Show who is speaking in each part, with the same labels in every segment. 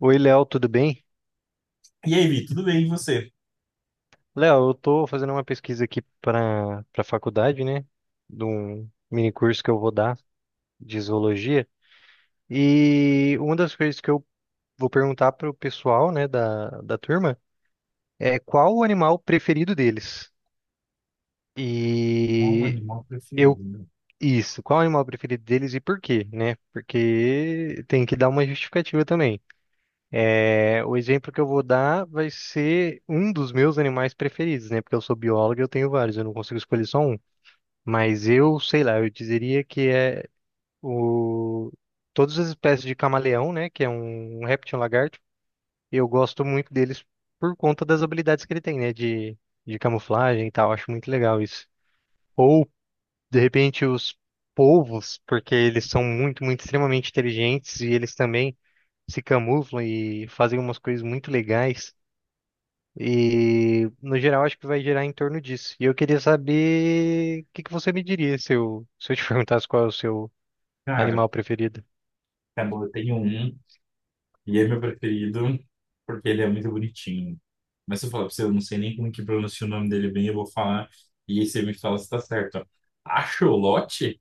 Speaker 1: Oi, Léo, tudo bem?
Speaker 2: E aí, Vi, tudo bem? E você?
Speaker 1: Léo, eu tô fazendo uma pesquisa aqui para faculdade, né? De um mini curso que eu vou dar de zoologia. E uma das coisas que eu vou perguntar pro pessoal, né, da turma é qual o animal preferido deles?
Speaker 2: Qual o
Speaker 1: E
Speaker 2: animal
Speaker 1: eu
Speaker 2: preferido?
Speaker 1: Isso, qual o animal preferido deles e por quê, né? Porque tem que dar uma justificativa também. É, o exemplo que eu vou dar vai ser um dos meus animais preferidos, né? Porque eu sou biólogo e eu tenho vários, eu não consigo escolher só um. Mas eu, sei lá, eu dizeria que é o... todas as espécies de camaleão, né? Que é um réptil, um lagarto. Eu gosto muito deles por conta das habilidades que ele tem, né? De camuflagem e tal. Acho muito legal isso. Ou, de repente, os polvos, porque eles são muito, muito, extremamente inteligentes e eles também se camuflam e fazem umas coisas muito legais. E, no geral, acho que vai gerar em torno disso. E eu queria saber o que que você me diria se eu te perguntasse qual é o seu
Speaker 2: Cara,
Speaker 1: animal preferido?
Speaker 2: tá bom, eu tenho um e é meu preferido porque ele é muito bonitinho. Mas se eu falar pra você, eu não sei nem como que pronuncia o nome dele bem, eu vou falar e aí você me fala se tá certo. Axolote?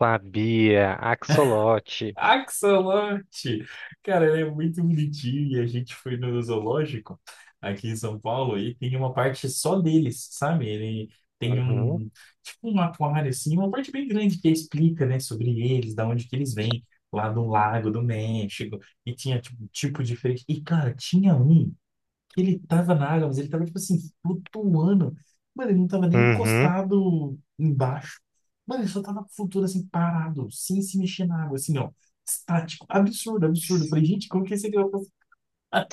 Speaker 1: Sabia, axolote.
Speaker 2: Axolote! Cara, ele é muito bonitinho e a gente foi no zoológico aqui em São Paulo e tem uma parte só deles, sabe? Ele tem
Speaker 1: Uhum.
Speaker 2: um, tipo um aquário assim, uma parte bem grande que explica, né, sobre eles, da onde que eles vêm, lá do Lago do México, e tinha tipo, tipo diferente. E, cara, tinha um que ele tava na água, mas ele tava, tipo assim, flutuando. Mano, ele não tava nem
Speaker 1: Uhum.
Speaker 2: encostado embaixo. Mano, ele só tava flutuando assim, parado, sem se mexer na água, assim, ó. Estático. Absurdo, absurdo. Eu falei, gente, como que esse aqui vai passar?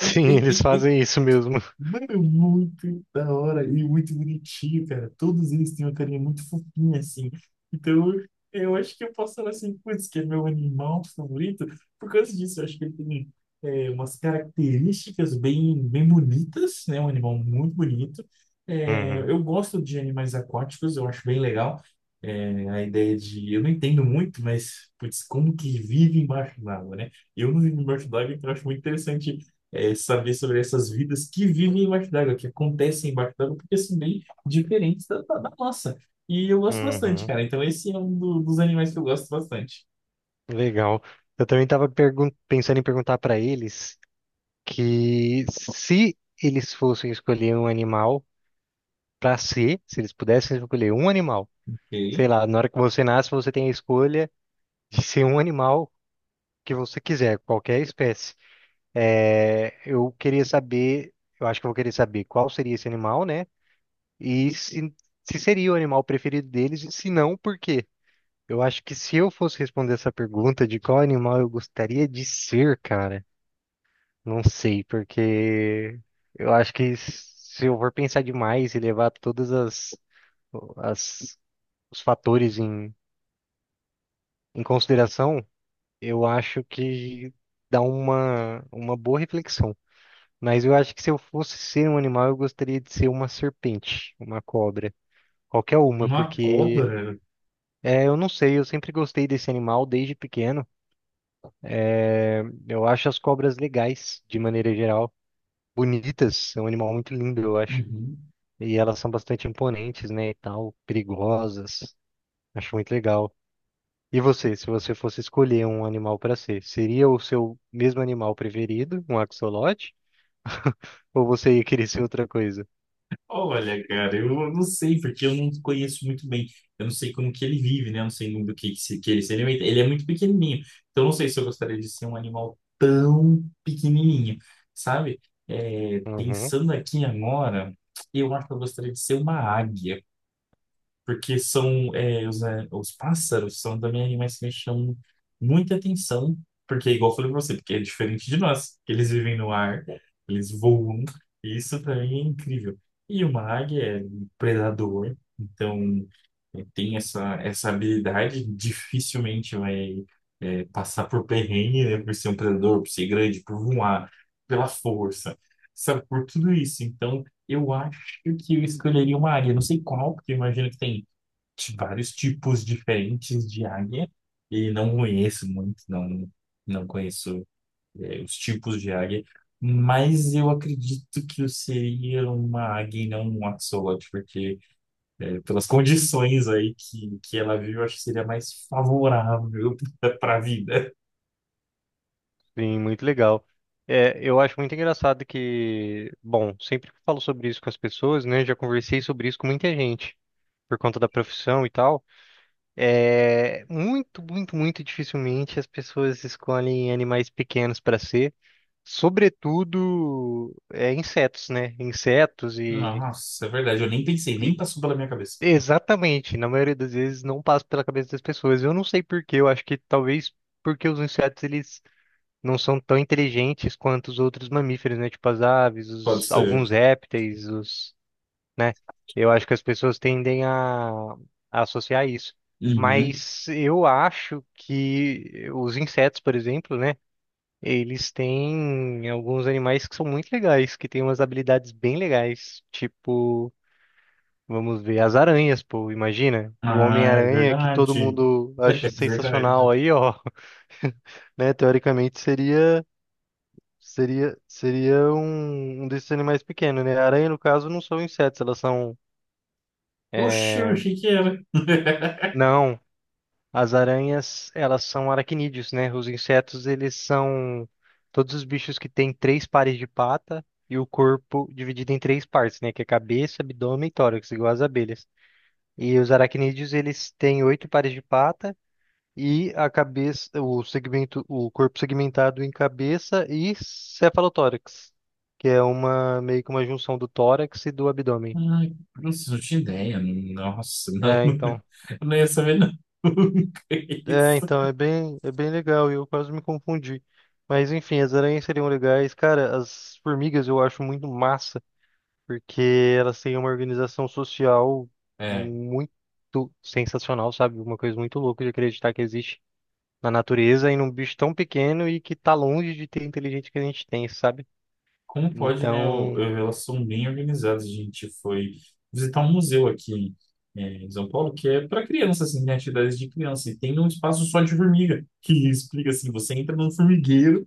Speaker 1: Sim, eles fazem isso mesmo.
Speaker 2: Mano, é muito da hora e muito bonitinho, cara. Todos eles têm uma carinha muito fofinha, assim. Então, eu acho que eu posso falar assim, putz, que é meu animal favorito. Por causa disso, eu acho que ele tem umas características bem, bem bonitas, né? Um animal muito bonito. É,
Speaker 1: Uhum.
Speaker 2: eu gosto de animais aquáticos, eu acho bem legal. É, a ideia de... Eu não entendo muito, mas, putz, como que vive embaixo d'água, né? Eu não vivo embaixo d'água, então eu acho muito interessante saber sobre essas vidas que vivem embaixo d'água, que acontecem embaixo d'água, porque são bem diferentes da nossa. E eu gosto bastante,
Speaker 1: Uhum.
Speaker 2: cara. Então, esse é um dos animais que eu gosto bastante.
Speaker 1: Legal. Eu também estava pensando em perguntar para eles que se eles fossem escolher um animal para ser, se eles pudessem escolher um animal,
Speaker 2: Ok.
Speaker 1: sei lá, na hora que você nasce, você tem a escolha de ser um animal que você quiser, qualquer espécie. É, eu queria saber, eu acho que eu vou querer saber qual seria esse animal, né? E se seria o animal preferido deles e se não, por quê? Eu acho que se eu fosse responder essa pergunta de qual animal eu gostaria de ser, cara, não sei, porque eu acho que se eu for pensar demais e levar todas as, as os fatores em consideração, eu acho que dá uma boa reflexão. Mas eu acho que se eu fosse ser um animal, eu gostaria de ser uma serpente, uma cobra, qualquer uma,
Speaker 2: Uma
Speaker 1: porque
Speaker 2: cobra?
Speaker 1: é, eu não sei, eu sempre gostei desse animal desde pequeno. Eu acho as cobras legais, de maneira geral. Bonitas, é um animal muito lindo, eu acho.
Speaker 2: Uhum.
Speaker 1: E elas são bastante imponentes, né, e tal, perigosas. Acho muito legal. E você, se você fosse escolher um animal para ser, seria o seu mesmo animal preferido, um axolote? Ou você ia querer ser outra coisa?
Speaker 2: Olha, cara, eu não sei, porque eu não conheço muito bem. Eu não sei como que ele vive, né? Eu não sei muito do que ele se alimenta. Ele é muito pequenininho. Então, eu não sei se eu gostaria de ser um animal tão pequenininho, sabe? É,
Speaker 1: Uhum,
Speaker 2: pensando aqui agora, eu acho que eu gostaria de ser uma águia. Porque são né, os pássaros são também animais que me chamam muita atenção, porque é igual eu falei pra você, porque é diferente de nós, que eles vivem no ar, eles voam, e isso pra mim é incrível. E uma águia é um predador, então tem essa, essa habilidade, dificilmente vai passar por perrengue, né, por ser um predador, por ser grande, por voar, pela força, sabe, por tudo isso. Então, eu acho que eu escolheria uma águia, não sei qual, porque eu imagino que tem de vários tipos diferentes de águia e não conheço muito, não, não conheço os tipos de águia, mas eu acredito que eu seria uma águia e não um axolote, porque pelas condições aí que ela vive, eu acho que seria mais favorável para a vida.
Speaker 1: sim, muito legal. É, eu acho muito engraçado que, bom, sempre que eu falo sobre isso com as pessoas, né, já conversei sobre isso com muita gente. Por conta da profissão e tal, é muito, muito, muito dificilmente as pessoas escolhem animais pequenos para ser, sobretudo insetos, né? Insetos
Speaker 2: Nossa, é verdade, eu nem pensei,
Speaker 1: e
Speaker 2: nem passou pela minha cabeça.
Speaker 1: Exatamente, na maioria das vezes não passa pela cabeça das pessoas. Eu não sei por quê, eu acho que talvez porque os insetos eles não são tão inteligentes quanto os outros mamíferos, né? Tipo as aves,
Speaker 2: Pode
Speaker 1: os,
Speaker 2: ser.
Speaker 1: alguns répteis, os, né? Eu acho que as pessoas tendem a associar isso.
Speaker 2: Uhum.
Speaker 1: Mas eu acho que os insetos, por exemplo, né? Eles têm alguns animais que são muito legais, que têm umas habilidades bem legais. Tipo, vamos ver, as aranhas, pô, imagina. O
Speaker 2: Ah, é
Speaker 1: Homem-Aranha, que todo
Speaker 2: verdade.
Speaker 1: mundo acha
Speaker 2: É verdade.
Speaker 1: sensacional aí, ó. Né? Teoricamente seria seria seria um desses animais pequenos, né? A aranha, no caso, não são insetos, elas são.
Speaker 2: Oxe, eu
Speaker 1: é,
Speaker 2: achei que era.
Speaker 1: Não, as aranhas, elas são aracnídeos, né? Os insetos, eles são todos os bichos que têm três pares de pata e o corpo dividido em três partes, né? Que é cabeça, abdômen e tórax, igual as abelhas. E os aracnídeos, eles têm oito pares de pata e a cabeça, o segmento, o corpo segmentado em cabeça e cefalotórax, que é uma meio que uma junção do tórax e do abdômen.
Speaker 2: Ai, nossa, não tinha ideia. Nossa, não.
Speaker 1: É, então.
Speaker 2: Eu não ia saber nunca
Speaker 1: É,
Speaker 2: isso.
Speaker 1: então, é bem legal e eu quase me confundi. Mas enfim, as aranhas seriam legais. Cara, as formigas eu acho muito massa, porque elas têm uma organização social
Speaker 2: É.
Speaker 1: muito sensacional, sabe? Uma coisa muito louca de acreditar que existe na natureza e num bicho tão pequeno e que tá longe de ter a inteligência que a gente tem, sabe?
Speaker 2: Como pode, né?
Speaker 1: Então,
Speaker 2: Elas são bem organizadas. A gente foi visitar um museu aqui em São Paulo que é para crianças, assim, tem atividades de criança. E tem um espaço só de formiga, que explica assim: você entra num formigueiro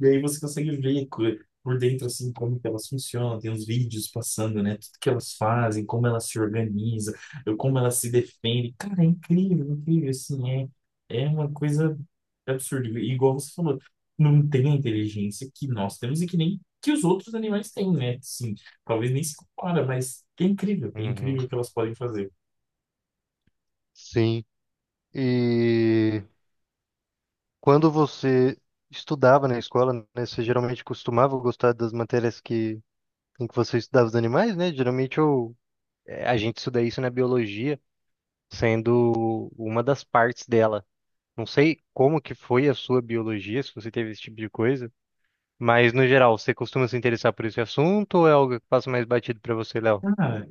Speaker 2: e aí você consegue ver por dentro, assim, como que elas funcionam. Tem os vídeos passando, né? Tudo que elas fazem, como elas se organizam, como elas se defendem. Cara, é incrível, incrível, assim, é, é uma coisa absurda. E igual você falou. Não tem a inteligência que nós temos e que nem que os outros animais têm, né? Sim, talvez nem se compara, mas é
Speaker 1: uhum,
Speaker 2: incrível o que elas podem fazer.
Speaker 1: sim. E quando você estudava na escola, né, você geralmente costumava gostar das matérias que em que você estudava os animais, né? Geralmente a gente estuda isso na biologia, sendo uma das partes dela. Não sei como que foi a sua biologia, se você teve esse tipo de coisa, mas no geral, você costuma se interessar por esse assunto ou é algo que passa mais batido para você, Léo?
Speaker 2: Cara,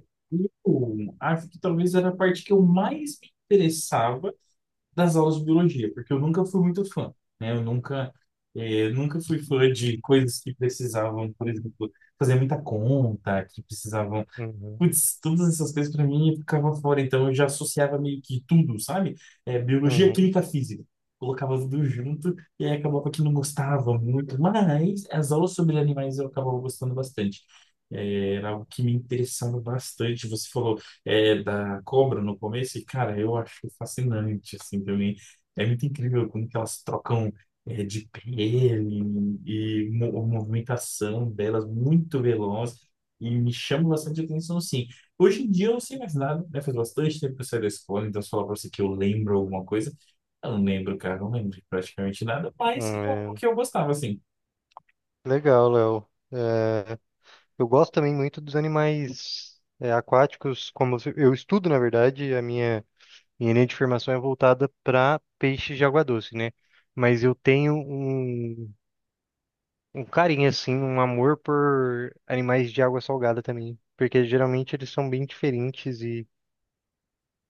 Speaker 2: eu acho que talvez era a parte que eu mais me interessava das aulas de biologia, porque eu nunca fui muito fã, né? Eu nunca, eh, nunca fui fã de coisas que precisavam, por exemplo, fazer muita conta, que precisavam.
Speaker 1: Uhum,
Speaker 2: Putz, todas essas coisas pra mim ficava fora, então eu já associava meio que tudo, sabe? É, biologia,
Speaker 1: uhum.
Speaker 2: química, física. Colocava tudo junto e aí acabava que não gostava muito, mas as aulas sobre animais eu acabava gostando bastante. É, era algo que me interessava bastante. Você falou, da cobra no começo, e cara, eu acho fascinante, assim, também. É muito incrível como que elas trocam, de pele e a movimentação delas muito veloz. E me chama bastante atenção, sim. Hoje em dia eu não sei mais nada, né? Faz bastante tempo que eu saí da escola, então se eu falar pra você que eu lembro alguma coisa, eu não lembro, cara, eu não lembro de praticamente nada, mas é algo
Speaker 1: É.
Speaker 2: que eu gostava, assim.
Speaker 1: Legal, Léo. É, eu gosto também muito dos animais aquáticos, como eu estudo, na verdade, a minha minha linha de formação é voltada para peixes de água doce, né? Mas eu tenho um carinho, assim, um amor por animais de água salgada também. Porque geralmente eles são bem diferentes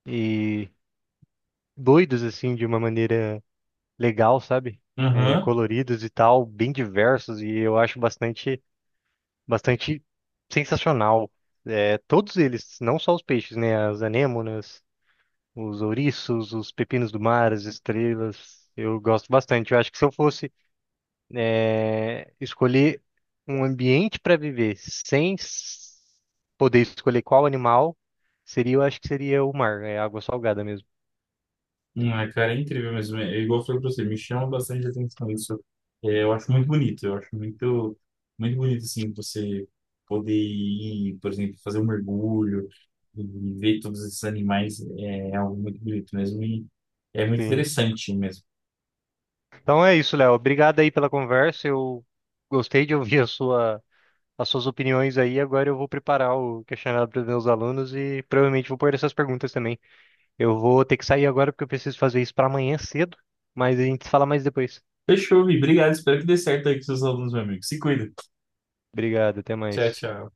Speaker 1: e doidos, assim, de uma maneira legal, sabe? É,
Speaker 2: Aham.
Speaker 1: coloridos e tal, bem diversos. E eu acho bastante sensacional. É, todos eles, não só os peixes, né? As anêmonas. Os ouriços, os pepinos do mar, as estrelas. Eu gosto bastante. Eu acho que se eu fosse escolher um ambiente para viver sem s- poder escolher qual animal, seria, eu acho que seria o mar, é água salgada mesmo.
Speaker 2: É, cara, é incrível mesmo. É, igual eu falei pra você, me chama bastante atenção isso. É, eu acho muito bonito, eu acho muito, muito bonito, assim, você poder ir, por exemplo, fazer um mergulho e ver todos esses animais, é, é algo muito bonito mesmo. E é muito
Speaker 1: Sim.
Speaker 2: interessante mesmo.
Speaker 1: Então é isso, Léo. Obrigado aí pela conversa. Eu gostei de ouvir as suas opiniões aí. Agora eu vou preparar o questionário para os meus alunos e provavelmente vou pôr essas perguntas também. Eu vou ter que sair agora porque eu preciso fazer isso para amanhã cedo, mas a gente se fala mais depois.
Speaker 2: Fechou, Vi. Obrigado. Espero que dê certo aí com seus alunos, meu amigo. Se cuida.
Speaker 1: Obrigado, até
Speaker 2: Tchau,
Speaker 1: mais.
Speaker 2: tchau.